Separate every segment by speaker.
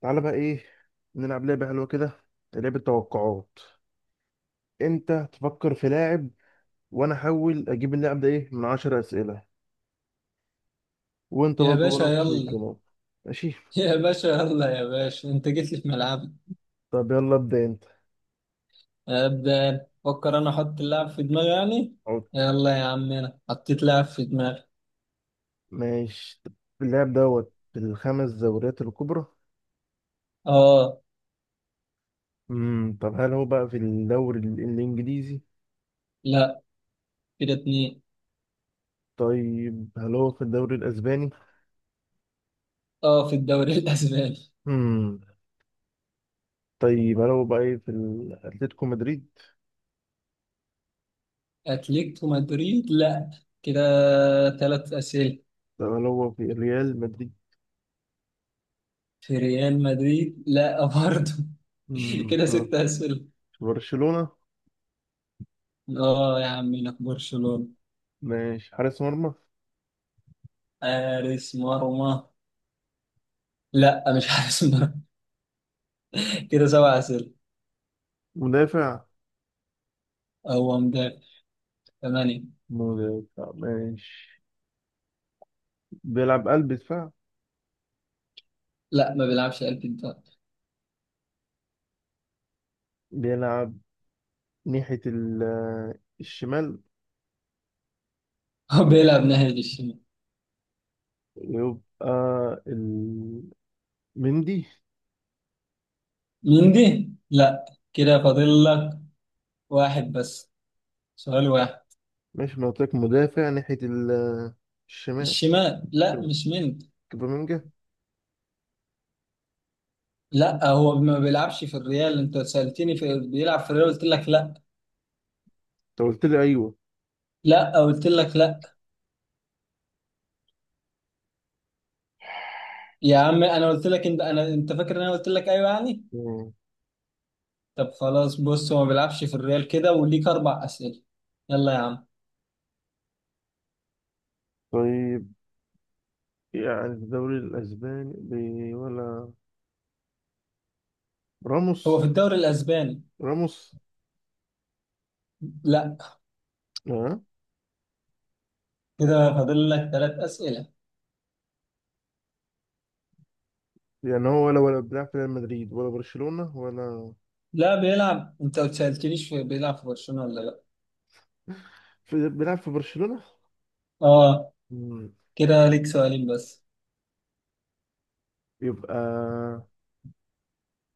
Speaker 1: تعالى بقى ايه، نلعب لعبة حلوة كده. لعبة توقعات. انت تفكر في لاعب، وانا احاول اجيب اللاعب ده ايه من 10 اسئلة. وانت
Speaker 2: يا
Speaker 1: برضو
Speaker 2: باشا
Speaker 1: وانا نفس
Speaker 2: يلا.
Speaker 1: الكلام. ماشي.
Speaker 2: يا باشا يلا، يا باشا انت جيت لي في ملعبي.
Speaker 1: طب يلا ابدأ انت.
Speaker 2: ابدا فكر، انا احط اللاعب في دماغي يعني.
Speaker 1: عود.
Speaker 2: يلا يا عم، انا حطيت لاعب في دماغي.
Speaker 1: ماشي طب. اللاعب دوت في الخمس دوريات الكبرى؟
Speaker 2: اه.
Speaker 1: طب، هل هو بقى في الدوري الانجليزي؟
Speaker 2: لا، كده اتنين.
Speaker 1: طيب، هل هو في الدوري الاسباني؟
Speaker 2: اه، في الدوري الاسباني.
Speaker 1: امم طيب، هل هو بقى ايه في الاتلتيكو مدريد؟
Speaker 2: اتلتيكو مدريد لا، كده ثلاث اسئله.
Speaker 1: طب، هل هو في ريال مدريد؟
Speaker 2: في ريال مدريد لا برضه.
Speaker 1: امم
Speaker 2: كده
Speaker 1: في
Speaker 2: ست اسئله.
Speaker 1: في برشلونة؟
Speaker 2: اه يا عم، انا في برشلونه.
Speaker 1: ماشي، حارس مرمى؟
Speaker 2: حارس مرمى؟ لا مش حارس مرمى. كده سبع اسئله.
Speaker 1: مدافع؟
Speaker 2: هو مدافع، ثمانية.
Speaker 1: مدافع ماشي. بيلعب قلب دفاع؟
Speaker 2: لا، ما بيلعبش قلب الدفاع.
Speaker 1: بيلعب ناحية الشمال؟
Speaker 2: هو بيلعب ناحية الشمال.
Speaker 1: يبقى ال- مندي؟
Speaker 2: مندي لا، كده فاضل لك واحد بس، سؤال واحد.
Speaker 1: ماشي، ما قلت لك مدافع ناحية الشمال.
Speaker 2: الشمال لا، مش مندي.
Speaker 1: كوبامينجا انت؟
Speaker 2: لا، هو ما بيلعبش في الريال. انت سألتني في بيلعب في الريال، قلت لك لا.
Speaker 1: قلت لي ايوه.
Speaker 2: لا قلت لك لا. يا عم انا قلت لك، انت فاكر ان انا قلت لك ايوه يعني.
Speaker 1: مم.
Speaker 2: طب خلاص، بص هو ما بيلعبش في الريال، كده وليك اربع أسئلة. يلا يا عم.
Speaker 1: طيب، يعني في الدوري الاسباني ولا راموس؟
Speaker 2: هو في الدوري الاسباني؟
Speaker 1: راموس.
Speaker 2: لا،
Speaker 1: اه.
Speaker 2: كده فاضل لك ثلاث أسئلة.
Speaker 1: يعني هو ولا بيلعب في ريال مدريد، ولا برشلونة، ولا
Speaker 2: لا بيلعب، انت ما سألتنيش بيلعب في برشلونة ولا لا.
Speaker 1: في، بيلعب في برشلونة؟
Speaker 2: اه،
Speaker 1: مم.
Speaker 2: كده ليك سؤالين بس.
Speaker 1: يبقى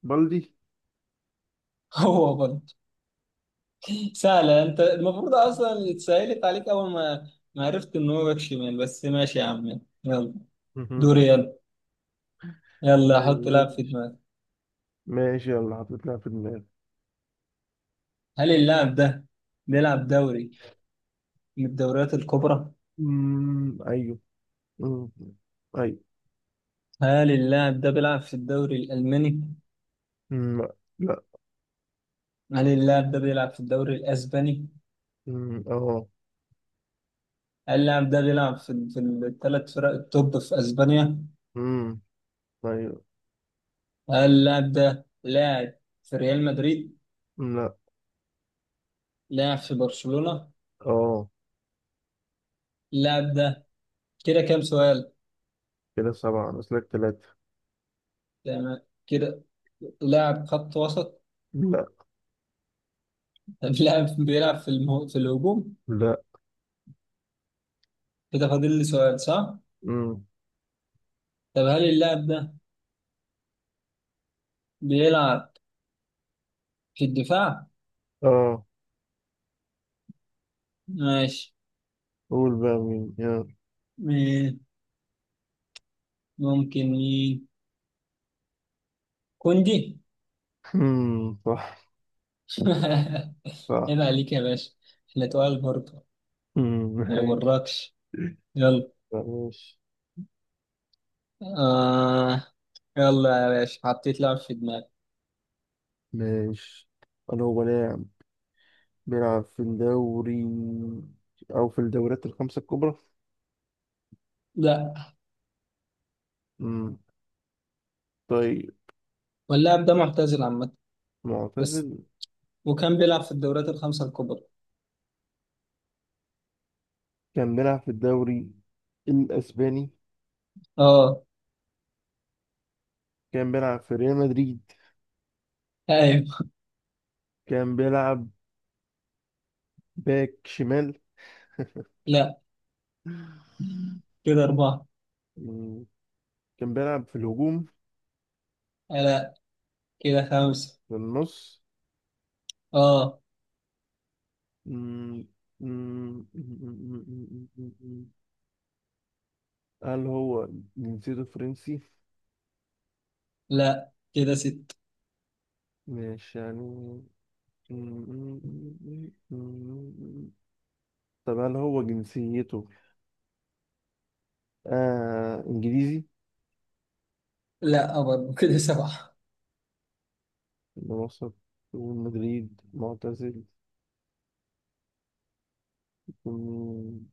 Speaker 1: بلدي.
Speaker 2: هو برضه. سهلة، انت المفروض اصلا اتسهلت عليك اول ما عرفت ان هو باك شمال، بس ماشي يا عم يلا.
Speaker 1: مهم.
Speaker 2: دوري، يلا. يلا حط
Speaker 1: يعني
Speaker 2: لاعب في دماغك.
Speaker 1: ماشي، يلا حطيتها في دماغي.
Speaker 2: هل اللاعب ده بيلعب دوري من الدوريات الكبرى؟
Speaker 1: ايوه. أمم، ايوه.
Speaker 2: هل اللاعب ده بيلعب في الدوري الألماني؟
Speaker 1: أمم، لا.
Speaker 2: هل اللاعب ده بيلعب في الدوري الأسباني؟
Speaker 1: اه.
Speaker 2: هل اللاعب ده بيلعب في الثلاث فرق التوب في أسبانيا؟
Speaker 1: أمم، ايوه.
Speaker 2: اللاعب ده لاعب في ريال مدريد؟
Speaker 1: لا.
Speaker 2: لاعب في برشلونة.
Speaker 1: اه،
Speaker 2: اللاعب ده، كده كام سؤال؟
Speaker 1: كده سبعة نسلك ثلاثة.
Speaker 2: تمام. كده لاعب خط وسط؟
Speaker 1: لا.
Speaker 2: طب لاعب بيلعب في الهجوم؟
Speaker 1: لا.
Speaker 2: كده فاضل لي سؤال صح؟
Speaker 1: أمم،
Speaker 2: طب هل اللاعب ده بيلعب في الدفاع؟
Speaker 1: اه.
Speaker 2: ماشي.
Speaker 1: قول بقى مين، يلا.
Speaker 2: مين، ممكن مين؟ كوندي.
Speaker 1: صح. صح. صح.
Speaker 2: عيب عليك يا باشا. احنا تقال برضه. ما
Speaker 1: ماشي.
Speaker 2: يوركش، يلا.
Speaker 1: ماشي.
Speaker 2: آه، يلا يا باشا حطيت لاعب في دماغي.
Speaker 1: ماشي. أنا، هو بيلعب في الدوري، أو في الدوريات الخمسة الكبرى؟
Speaker 2: لا.
Speaker 1: مم. طيب،
Speaker 2: واللاعب ده معتزل عامة، بس.
Speaker 1: معتزل؟
Speaker 2: وكان بيلعب في الدوريات الخمسة الكبرى.
Speaker 1: كان بيلعب في الدوري الأسباني؟
Speaker 2: اه.
Speaker 1: كان بيلعب في ريال مدريد؟
Speaker 2: ايوه.
Speaker 1: كان بيلعب باك شمال؟
Speaker 2: لا، كده أربعة.
Speaker 1: مم. كان بيلعب في الهجوم؟
Speaker 2: آه، لا، كده خمسة.
Speaker 1: في النص؟
Speaker 2: اه.
Speaker 1: مم. مم. هل هو جنسيته فرنسي؟
Speaker 2: لا، كده ستة.
Speaker 1: مش يعني. طب، هل هو جنسيته إنجليزي؟
Speaker 2: لا برضه، كده سبعة.
Speaker 1: من وسط مدريد معتزل. مم.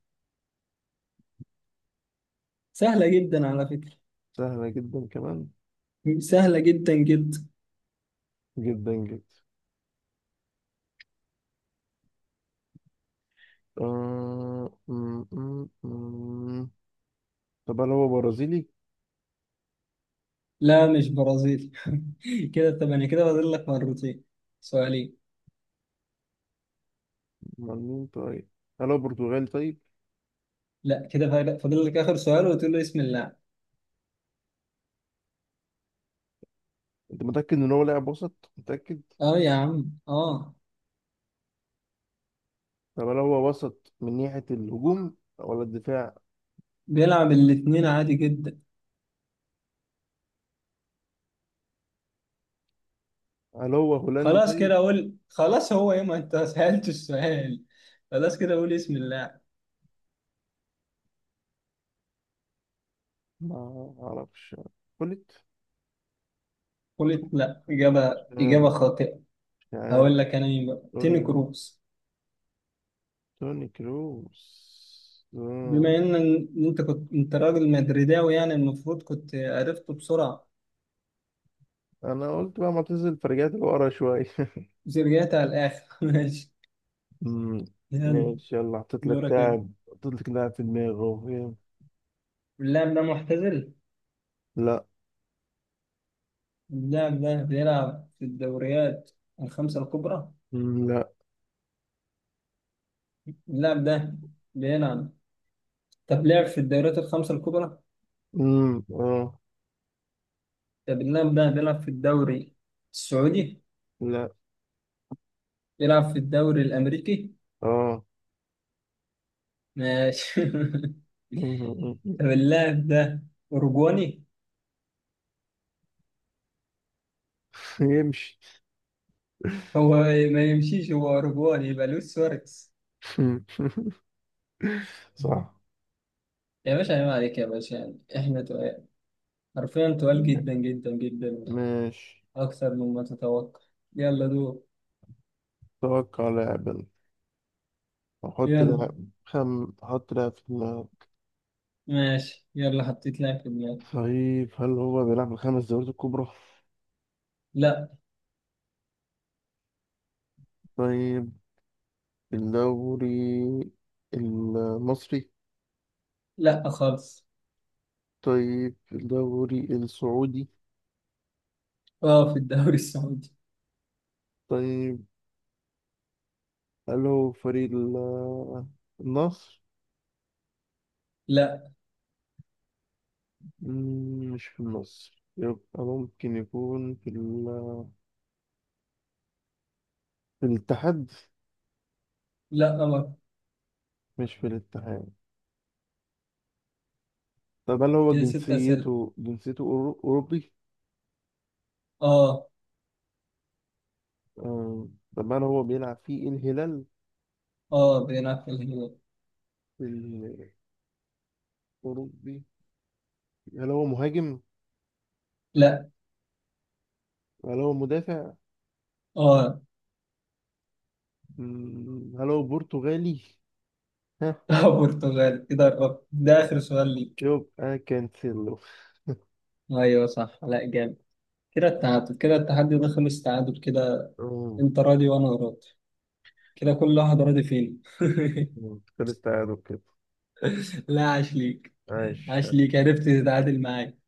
Speaker 2: سهلة جدا على فكرة.
Speaker 1: سهلة جدا كمان،
Speaker 2: سهلة جدا جدا.
Speaker 1: جدا جدا. آه... مم، مم، مم. طب، هل هو برازيلي؟
Speaker 2: لا مش برازيلي. كده ثمانية، كده فاضل لك مرتين، سؤالين.
Speaker 1: أمال مين طيب؟ هل هو برتغالي طيب؟
Speaker 2: لا، كده فاضل لك آخر سؤال وتقول له اسم اللاعب.
Speaker 1: أنت متأكد إن هو لاعب وسط؟ متأكد؟
Speaker 2: اه يا عم اه.
Speaker 1: طب، هل هو وسط من ناحية الهجوم ولا الدفاع؟
Speaker 2: بيلعب الاتنين عادي جدا.
Speaker 1: هل هو هولندي
Speaker 2: خلاص
Speaker 1: طيب؟
Speaker 2: كده اقول، خلاص هو ايه، ما انت سألت السؤال. خلاص كده اقول اسم الله.
Speaker 1: ما أعرفش. قلت
Speaker 2: قلت
Speaker 1: مش
Speaker 2: لا، اجابه
Speaker 1: عارف،
Speaker 2: اجابه خاطئه.
Speaker 1: مش عارف.
Speaker 2: هقول لك انا مين بقى،
Speaker 1: قول
Speaker 2: توني
Speaker 1: لي،
Speaker 2: كروس.
Speaker 1: توني كروس.
Speaker 2: بما
Speaker 1: آه.
Speaker 2: ان إن انت كنت، انت راجل مدريداوي يعني المفروض كنت عرفته بسرعه.
Speaker 1: أنا قلت بقى معتزل، فرجعت لورا شوية.
Speaker 2: زريات على الاخر. ماشي.
Speaker 1: مم.
Speaker 2: يلا.
Speaker 1: ماشي، يلا.
Speaker 2: دورك انت.
Speaker 1: حطيت لك لاعب في دماغي أهو. يلا.
Speaker 2: اللاعب ده معتزل؟
Speaker 1: لا.
Speaker 2: اللاعب ده بيلعب في الدوريات الخمسه الكبرى؟
Speaker 1: مم، لا.
Speaker 2: اللاعب ده بيلعب، طب لعب في الدوريات الخمسه الكبرى؟
Speaker 1: مم. اه.
Speaker 2: بنلعب ده بيلعب في الدوري السعودي؟
Speaker 1: لا.
Speaker 2: بيلعب في الدوري الأمريكي؟
Speaker 1: اه.
Speaker 2: ماشي.
Speaker 1: مم. مم. مم.
Speaker 2: طب اللاعب ده أوروجواني؟
Speaker 1: يمشي.
Speaker 2: هو ما يمشيش، هو أوروجواني يبقى لويس سواريز.
Speaker 1: صح.
Speaker 2: يا باشا عيب عليك يا باشا، يعني احنا تقال، حرفيا تقال جدا جدا جدا
Speaker 1: ماشي.
Speaker 2: أكثر مما تتوقع. يلا دور.
Speaker 1: توقع لاعب، يلا. احط
Speaker 2: يلا.
Speaker 1: لاعب. خم احط لاعب في دماغي.
Speaker 2: ماشي يلا، حطيت لاعب في دماغي.
Speaker 1: طيب، هل هو بيلعب في الخمس دوريات الكبرى؟
Speaker 2: لا.
Speaker 1: طيب، الدوري المصري؟
Speaker 2: لا خالص.
Speaker 1: طيب، الدوري السعودي؟
Speaker 2: اه في الدوري السعودي.
Speaker 1: طيب، هل هو فريق النصر؟
Speaker 2: لا.
Speaker 1: مم، مش في النصر، يبقى ممكن يكون في الاتحاد.
Speaker 2: لا أمر.
Speaker 1: مش في الاتحاد؟ طب، هل هو
Speaker 2: كده ست أسئلة.
Speaker 1: جنسيته أوروبي؟
Speaker 2: اه.
Speaker 1: آه. طب، هل هو بيلعب في الهلال؟
Speaker 2: اه بيلعب في الهلال.
Speaker 1: الأوروبي؟ هل هو مهاجم؟
Speaker 2: لا.
Speaker 1: هل هو مدافع؟
Speaker 2: اه.
Speaker 1: مم، هل هو برتغالي؟ ها؟
Speaker 2: برتغال، كده قربت، ده اخر سؤال ليك.
Speaker 1: يبقى كانسيلو.
Speaker 2: ايوه صح، لا جامد. كده التعادل، كده التحدي ده خلص تعادل كده.
Speaker 1: آه،
Speaker 2: انت راضي وانا راضي، كده كل واحد راضي فينا.
Speaker 1: آه، خلص تعادل كده.
Speaker 2: لا عاش ليك. عاش
Speaker 1: عايش.
Speaker 2: ليك، عرفت تتعادل معايا.